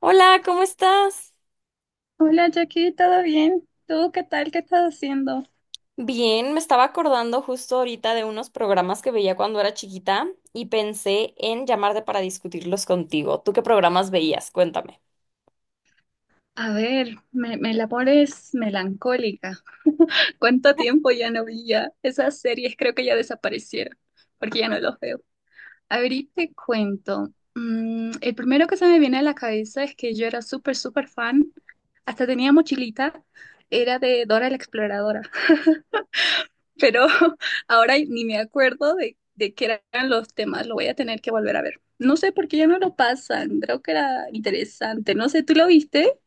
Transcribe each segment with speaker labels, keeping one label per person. Speaker 1: Hola, ¿cómo estás?
Speaker 2: Hola Jackie, ¿todo bien? ¿Tú qué tal? ¿Qué estás haciendo?
Speaker 1: Bien, me estaba acordando justo ahorita de unos programas que veía cuando era chiquita y pensé en llamarte para discutirlos contigo. ¿Tú qué programas veías? Cuéntame.
Speaker 2: A ver, me la pones melancólica. ¿Cuánto tiempo ya no vi ya? Esas series creo que ya desaparecieron, porque ya no los veo. A ver, y te cuento. El primero que se me viene a la cabeza es que yo era súper, súper fan, hasta tenía mochilita, era de Dora la Exploradora. Pero ahora ni me acuerdo de qué eran los temas, lo voy a tener que volver a ver. No sé por qué ya no lo pasan, creo que era interesante, no sé, ¿tú lo viste?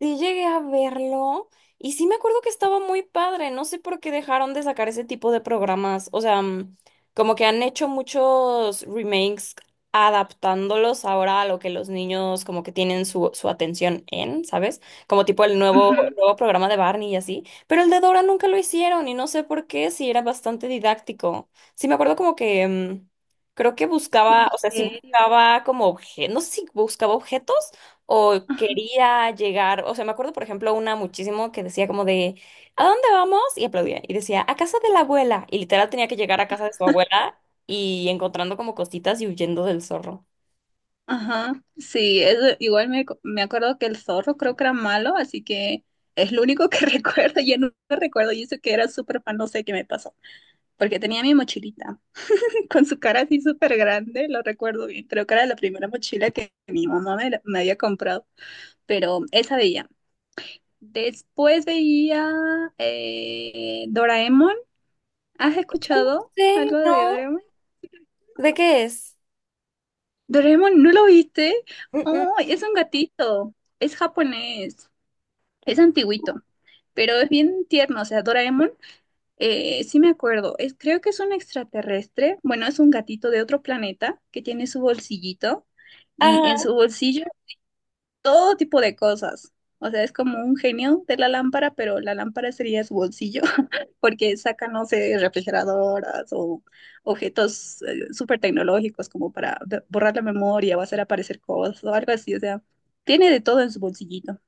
Speaker 1: Sí llegué a verlo y sí me acuerdo que estaba muy padre. No sé por qué dejaron de sacar ese tipo de programas. O sea, como que han hecho muchos remakes adaptándolos ahora a lo que los niños como que tienen su atención en, ¿sabes? Como tipo el nuevo, el
Speaker 2: Ujú.
Speaker 1: nuevo programa de Barney y así. Pero el de Dora nunca lo hicieron y no sé por qué, si era bastante didáctico. Sí me acuerdo como que creo que
Speaker 2: De
Speaker 1: buscaba, o sea, sí
Speaker 2: misterio.
Speaker 1: buscaba como objetos, no sé si buscaba objetos o quería llegar, o sea, me acuerdo, por ejemplo, una muchísimo que decía como de, ¿a dónde vamos? Y aplaudía y decía, a casa de la abuela. Y literal tenía que llegar a casa de su abuela y encontrando como cositas y huyendo del zorro.
Speaker 2: Ajá, sí, eso, igual me acuerdo que el zorro creo que era malo, así que es lo único que recuerdo, ya no recuerdo, y eso que era súper fan, no sé qué me pasó, porque tenía mi mochilita con su cara así súper grande, lo recuerdo bien, creo que era la primera mochila que mi mamá me había comprado, pero esa veía. Después veía Doraemon. ¿Has escuchado
Speaker 1: Sí,
Speaker 2: algo de
Speaker 1: no.
Speaker 2: Doraemon?
Speaker 1: ¿De qué es?
Speaker 2: Doraemon, ¿no lo viste?
Speaker 1: Mm, mm.
Speaker 2: Oh, es un gatito. Es japonés. Es antiguito. Pero es bien tierno. O sea, Doraemon, sí me acuerdo. Es, creo que es un extraterrestre. Bueno, es un gatito de otro planeta que tiene su bolsillito. Y
Speaker 1: Ajá.
Speaker 2: en su bolsillo todo tipo de cosas. O sea, es como un genio de la lámpara, pero la lámpara sería su bolsillo. Porque sacan, no sé, refrigeradoras o objetos súper tecnológicos como para borrar la memoria o hacer aparecer cosas o algo así. O sea, tiene de todo en su bolsillito.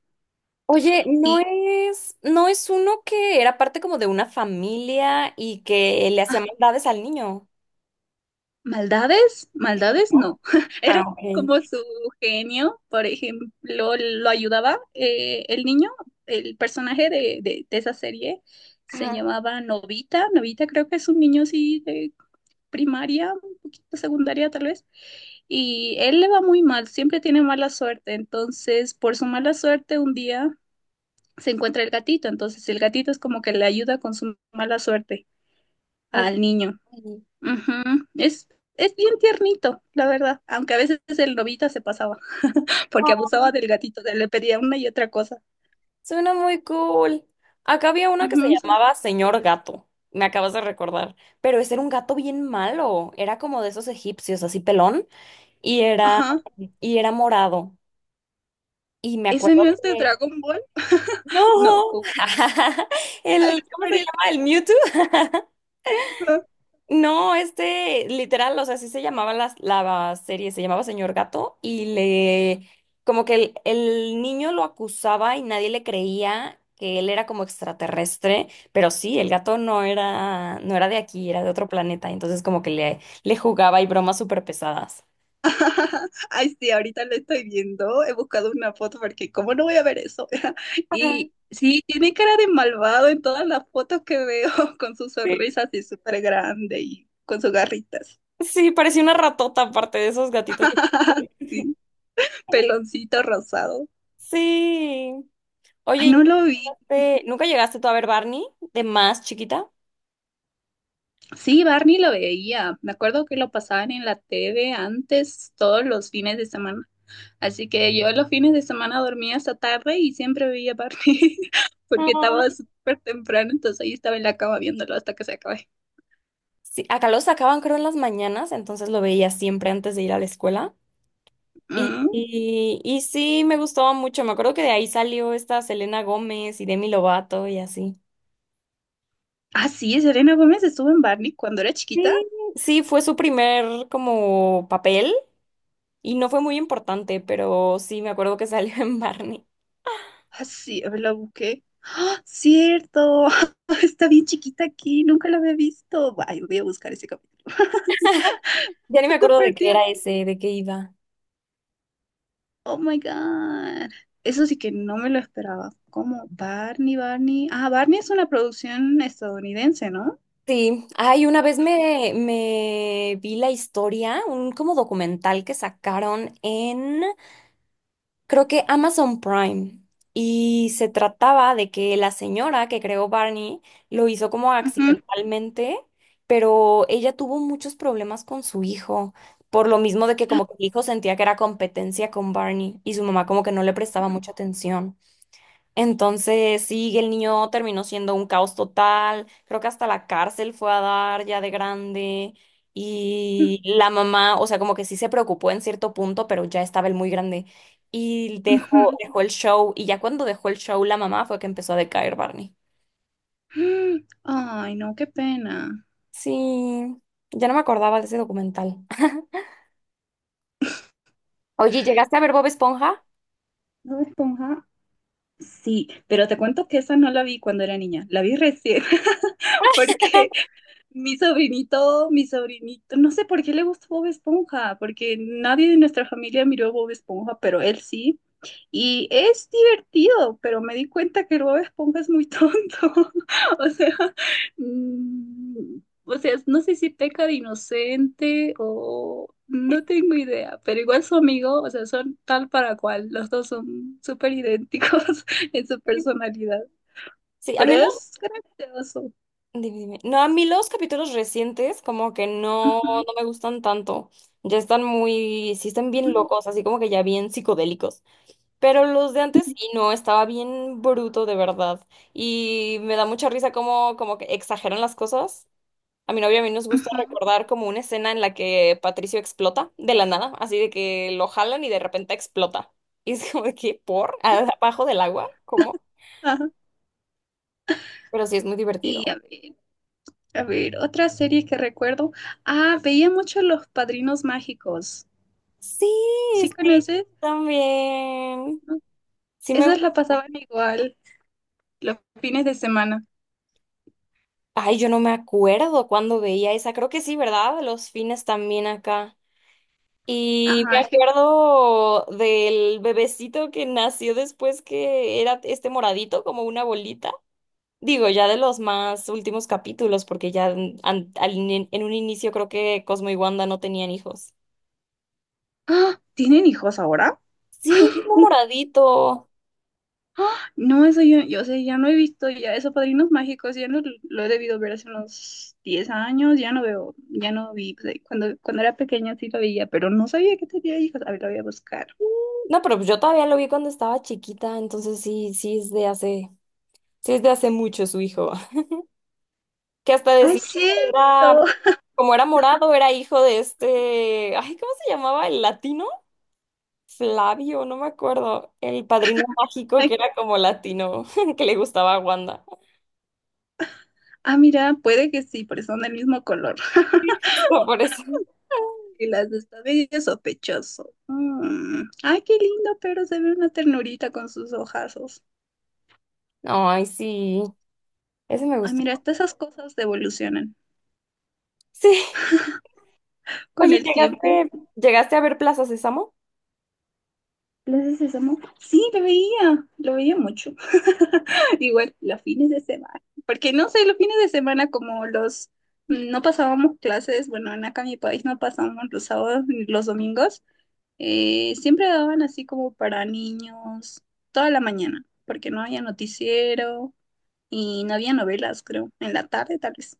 Speaker 1: Oye, no
Speaker 2: Y
Speaker 1: es, no es uno que era parte como de una familia y que le hacía
Speaker 2: ah,
Speaker 1: maldades al niño,
Speaker 2: maldades, maldades
Speaker 1: ¿no?
Speaker 2: no.
Speaker 1: Ah,
Speaker 2: Era
Speaker 1: ok.
Speaker 2: como su genio, por ejemplo, lo ayudaba el niño, el personaje de esa serie. Se
Speaker 1: Ajá.
Speaker 2: llamaba Novita, Novita creo que es un niño así de primaria, un poquito secundaria tal vez, y él le va muy mal, siempre tiene mala suerte, entonces por su mala suerte un día se encuentra el gatito, entonces el gatito es como que le ayuda con su mala suerte
Speaker 1: Ok.
Speaker 2: al niño. Ujú. Es, es bien tiernito, la verdad, aunque a veces el lobito se pasaba porque abusaba del gatito, le pedía una y otra cosa.
Speaker 1: Suena muy cool. Acá había
Speaker 2: Ujú,
Speaker 1: una que se
Speaker 2: son
Speaker 1: llamaba
Speaker 2: súper
Speaker 1: Señor
Speaker 2: tiernos.
Speaker 1: Gato. Me acabas de recordar. Pero ese era un gato bien malo. Era como de esos egipcios, así pelón. Y era,
Speaker 2: Ajá.
Speaker 1: y era morado. Y me
Speaker 2: ¿Ese
Speaker 1: acuerdo
Speaker 2: no es de
Speaker 1: que.
Speaker 2: Dragon Ball?
Speaker 1: ¡No!
Speaker 2: No,
Speaker 1: El, ¿cómo se
Speaker 2: ¿cuál
Speaker 1: llama? ¿El Mewtwo? No, este, literal, o sea, así se llamaba la serie, se llamaba Señor Gato y le, como que el niño lo acusaba y nadie le creía que él era como extraterrestre, pero sí, el gato no era, no era de aquí, era de otro planeta, entonces como que le jugaba y bromas súper pesadas.
Speaker 2: ay, sí, ahorita lo estoy viendo. He buscado una foto porque, ¿cómo no voy a ver eso?
Speaker 1: Ajá,
Speaker 2: Y sí, tiene cara de malvado en todas las fotos que veo, con su
Speaker 1: sí,
Speaker 2: sonrisa así súper grande y con sus garritas.
Speaker 1: sí, parecía una ratota aparte de esos gatitos.
Speaker 2: Sí, peloncito rosado.
Speaker 1: Sí. Oye,
Speaker 2: Ay,
Speaker 1: ¿y
Speaker 2: no
Speaker 1: ¿nunca
Speaker 2: lo vi.
Speaker 1: llegaste nunca llegaste tú a ver Barney de más chiquita?
Speaker 2: Sí, Barney lo veía. Me acuerdo que lo pasaban en la TV antes, todos los fines de semana. Así que yo los fines de semana dormía hasta tarde y siempre veía Barbie porque estaba súper temprano, entonces ahí estaba en la cama viéndolo hasta que se acabe.
Speaker 1: Sí, acá lo sacaban creo en las mañanas, entonces lo veía siempre antes de ir a la escuela. Y,
Speaker 2: Mm.
Speaker 1: y, y sí, me gustaba mucho. Me acuerdo que de ahí salió esta Selena Gómez y Demi Lovato y así.
Speaker 2: Ah, sí, Selena Gómez estuvo en Barney cuando era chiquita.
Speaker 1: Sí, sí, fue su primer como papel y no fue muy importante, pero sí, me acuerdo que salió en Barney.
Speaker 2: Ah, sí, a ver, la busqué. ¡Ah, cierto! Está bien chiquita aquí, nunca la había visto. Ay, voy a buscar ese capítulo.
Speaker 1: Ya ni me acuerdo
Speaker 2: Súper
Speaker 1: de qué
Speaker 2: tierno.
Speaker 1: era ese, de qué iba.
Speaker 2: Oh my God. Eso sí que no me lo esperaba. ¿Cómo? Barney, Barney. Ah, Barney es una producción estadounidense, ¿no?
Speaker 1: Sí, ay, una vez me vi la historia, un como documental que sacaron en creo que Amazon Prime. Y se trataba de que la señora que creó Barney lo hizo como
Speaker 2: Ujú,
Speaker 1: accidentalmente, pero ella tuvo muchos problemas con su hijo, por lo mismo de que como que el hijo sentía que era competencia con Barney y su mamá como que no le prestaba mucha atención. Entonces, sí, el niño terminó siendo un caos total. Creo que hasta la cárcel fue a dar ya de grande. Y la mamá, o sea, como que sí se preocupó en cierto punto, pero ya estaba él muy grande. Y dejó,
Speaker 2: ujú.
Speaker 1: dejó el show. Y ya cuando dejó el show, la mamá fue que empezó a decaer Barney.
Speaker 2: Ay, no, qué pena.
Speaker 1: Sí, ya no me acordaba de ese documental. Oye, ¿llegaste a ver Bob Esponja?
Speaker 2: ¿Bob Esponja? Sí, pero te cuento que esa no la vi cuando era niña, la vi recién, porque mi sobrinito, no sé por qué le gustó Bob Esponja, porque nadie de nuestra familia miró Bob Esponja, pero él sí. Y es divertido, pero me di cuenta que Bob Esponja es muy tonto. O sea, mm, o sea, no sé si peca de inocente o no tengo idea, pero igual su amigo, o sea, son tal para cual. Los dos son súper idénticos en su personalidad,
Speaker 1: Sí, a
Speaker 2: pero
Speaker 1: mí
Speaker 2: es gracioso.
Speaker 1: dime. No, a mí los capítulos recientes como que no,
Speaker 2: Ujú,
Speaker 1: no me gustan tanto. Ya están muy, sí están bien
Speaker 2: ujú,
Speaker 1: locos, así como que ya bien psicodélicos. Pero los de antes sí, no, estaba bien bruto de verdad. Y me da mucha risa como, como que exageran las cosas. A mi novia y a mí nos gusta
Speaker 2: ujú.
Speaker 1: recordar como una escena en la que Patricio explota de la nada, así de que lo jalan y de repente explota. Y es como de que, ¿por? ¿Abajo del agua? ¿Cómo?
Speaker 2: Ajá.
Speaker 1: Pero sí es muy
Speaker 2: Y
Speaker 1: divertido.
Speaker 2: a ver, otra serie que recuerdo. Ah, veía mucho Los Padrinos Mágicos.
Speaker 1: Sí,
Speaker 2: ¿Sí
Speaker 1: sí,
Speaker 2: conoces?
Speaker 1: también. Sí me...
Speaker 2: Esas
Speaker 1: gu-
Speaker 2: la pasaban igual los fines de semana.
Speaker 1: Ay, yo no me acuerdo cuándo veía esa. Creo que sí, ¿verdad? Los fines también acá. Y me
Speaker 2: Ajá, es que,
Speaker 1: acuerdo del bebecito que nació después que era este moradito, como una bolita. Digo, ya de los más últimos capítulos, porque ya en, an- al ini- en un inicio creo que Cosmo y Wanda no tenían hijos.
Speaker 2: ah, ¿tienen hijos ahora?
Speaker 1: Sí, un moradito.
Speaker 2: Ah, no, eso yo sé, ya no he visto ya esos padrinos mágicos, ya no lo he debido ver hace unos 10 años, ya no veo, ya no vi, pues, ahí, cuando era pequeña sí lo veía, pero no sabía que tenía hijos, a ver, lo voy a buscar.
Speaker 1: No, pero pues yo todavía lo vi cuando estaba chiquita, entonces sí, sí es de hace... Sí, es de hace mucho su hijo. Que hasta
Speaker 2: ¡Ay, es
Speaker 1: decían que era,
Speaker 2: cierto!
Speaker 1: como era morado, era hijo de este, ay, ¿cómo se llamaba? ¿El latino? Flavio, no me acuerdo. El padrino mágico
Speaker 2: Ay,
Speaker 1: que era como latino, que le gustaba a Wanda.
Speaker 2: ah, mira, puede que sí, porque son del mismo color.
Speaker 1: Hasta por eso.
Speaker 2: Y las de esta medio sospechoso. Mm. Ay, qué lindo, pero se ve una ternurita con sus ojazos.
Speaker 1: No, ay, sí. Ese me
Speaker 2: Ay,
Speaker 1: gustó.
Speaker 2: mira, hasta esas cosas evolucionan
Speaker 1: Sí.
Speaker 2: con
Speaker 1: Oye,
Speaker 2: el tiempo.
Speaker 1: ¿llegaste a ver Plaza Sésamo?
Speaker 2: ¿Las Plaza Sésamo, sí, lo veía mucho. Igual los fines de semana, porque no sé, los fines de semana como los no pasábamos clases, bueno, en acá en mi país no pasábamos los sábados ni los domingos, siempre daban así como para niños toda la mañana, porque no había noticiero y no había novelas, creo, en la tarde tal vez.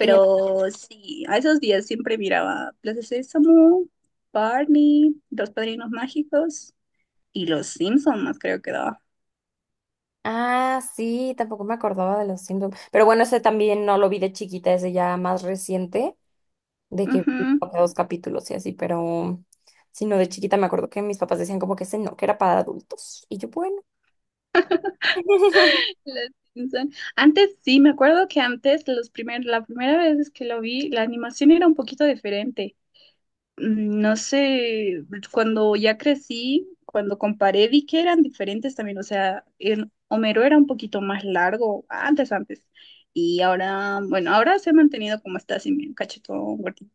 Speaker 1: Sí. era-
Speaker 2: sí, a esos días siempre miraba Plaza Sésamo, Barney, Los Padrinos Mágicos y Los Simpson más creo que daba.
Speaker 1: Ah, sí, tampoco me acordaba de los Simpsons. Pero bueno, ese también no lo vi de chiquita, ese ya más reciente. De que vi
Speaker 2: Ujú.
Speaker 1: como dos capítulos y así, pero sino de chiquita me acuerdo que mis papás decían como que ese no, que era para adultos. Y yo, bueno.
Speaker 2: Los Simpson. Antes sí, me acuerdo que antes la primera vez que lo vi, la animación era un poquito diferente. No sé, cuando ya crecí, cuando comparé, vi que eran diferentes también, o sea, el Homero era un poquito más largo, antes, y ahora, bueno, ahora se ha mantenido como está, así medio cachetón, gordito,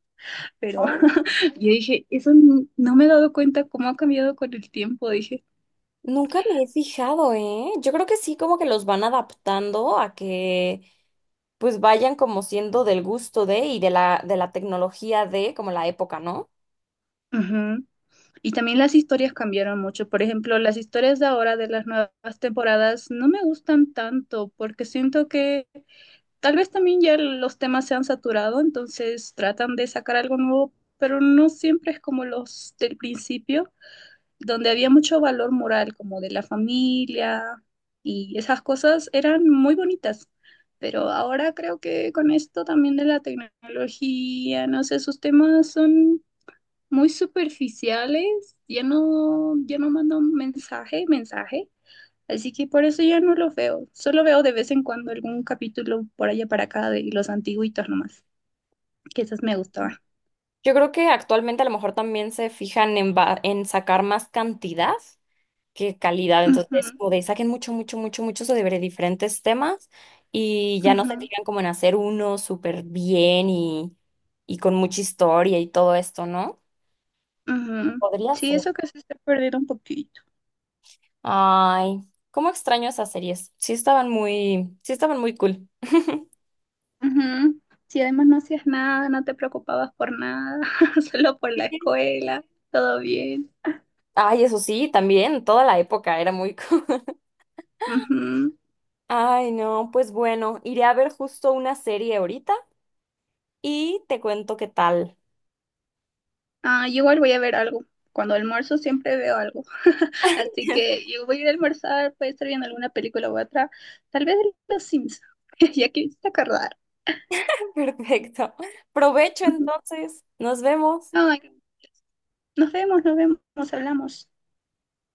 Speaker 2: pero
Speaker 1: Oh,
Speaker 2: yo dije, eso no, no me he dado cuenta cómo ha cambiado con el tiempo, dije.
Speaker 1: nunca me he fijado, ¿eh? Yo creo que sí, como que los van adaptando a que pues vayan como siendo del gusto de y de de la tecnología de como la época, ¿no?
Speaker 2: Ujú. Y también las historias cambiaron mucho. Por ejemplo, las historias de ahora de las nuevas temporadas no me gustan tanto porque siento que tal vez también ya los temas se han saturado, entonces tratan de sacar algo nuevo, pero no siempre es como los del principio, donde había mucho valor moral, como de la familia y esas cosas eran muy bonitas. Pero ahora creo que con esto también de la tecnología, no sé, sus temas son muy superficiales, ya no, ya no mandan mensaje, mensaje. Así que por eso ya no los veo. Solo veo de vez en cuando algún capítulo por allá para acá de los antiguitos nomás, que esas me gustaban.
Speaker 1: Yo creo que actualmente a lo mejor también se fijan en, va- en sacar más cantidad qué calidad.
Speaker 2: Ujú,
Speaker 1: Entonces, como de saquen mucho, mucho, mucho, mucho sobre diferentes temas y ya no se
Speaker 2: ujú,
Speaker 1: tiran como en hacer uno súper bien y con mucha historia y todo esto, ¿no?
Speaker 2: ujú.
Speaker 1: Podría
Speaker 2: Sí,
Speaker 1: ser.
Speaker 2: eso que se está perdiendo un poquito.
Speaker 1: Ay, cómo extraño esas series. Sí estaban muy cool.
Speaker 2: Ujú. Sí, además no hacías nada, no te preocupabas por nada, solo por la escuela, todo bien.
Speaker 1: Ay, eso sí, también, toda la época era muy cool.
Speaker 2: Ujú.
Speaker 1: Ay, no, pues bueno, iré a ver justo una serie ahorita y te cuento qué tal.
Speaker 2: Ah, yo igual voy a ver algo. Cuando almuerzo siempre veo algo. Así que yo voy a ir a almorzar, puede estar viendo alguna película u otra, tal vez de Los Sims, ya que me hiciste acordar.
Speaker 1: Perfecto. Provecho
Speaker 2: Ujú.
Speaker 1: entonces. Nos vemos.
Speaker 2: Ay, nos vemos, hablamos.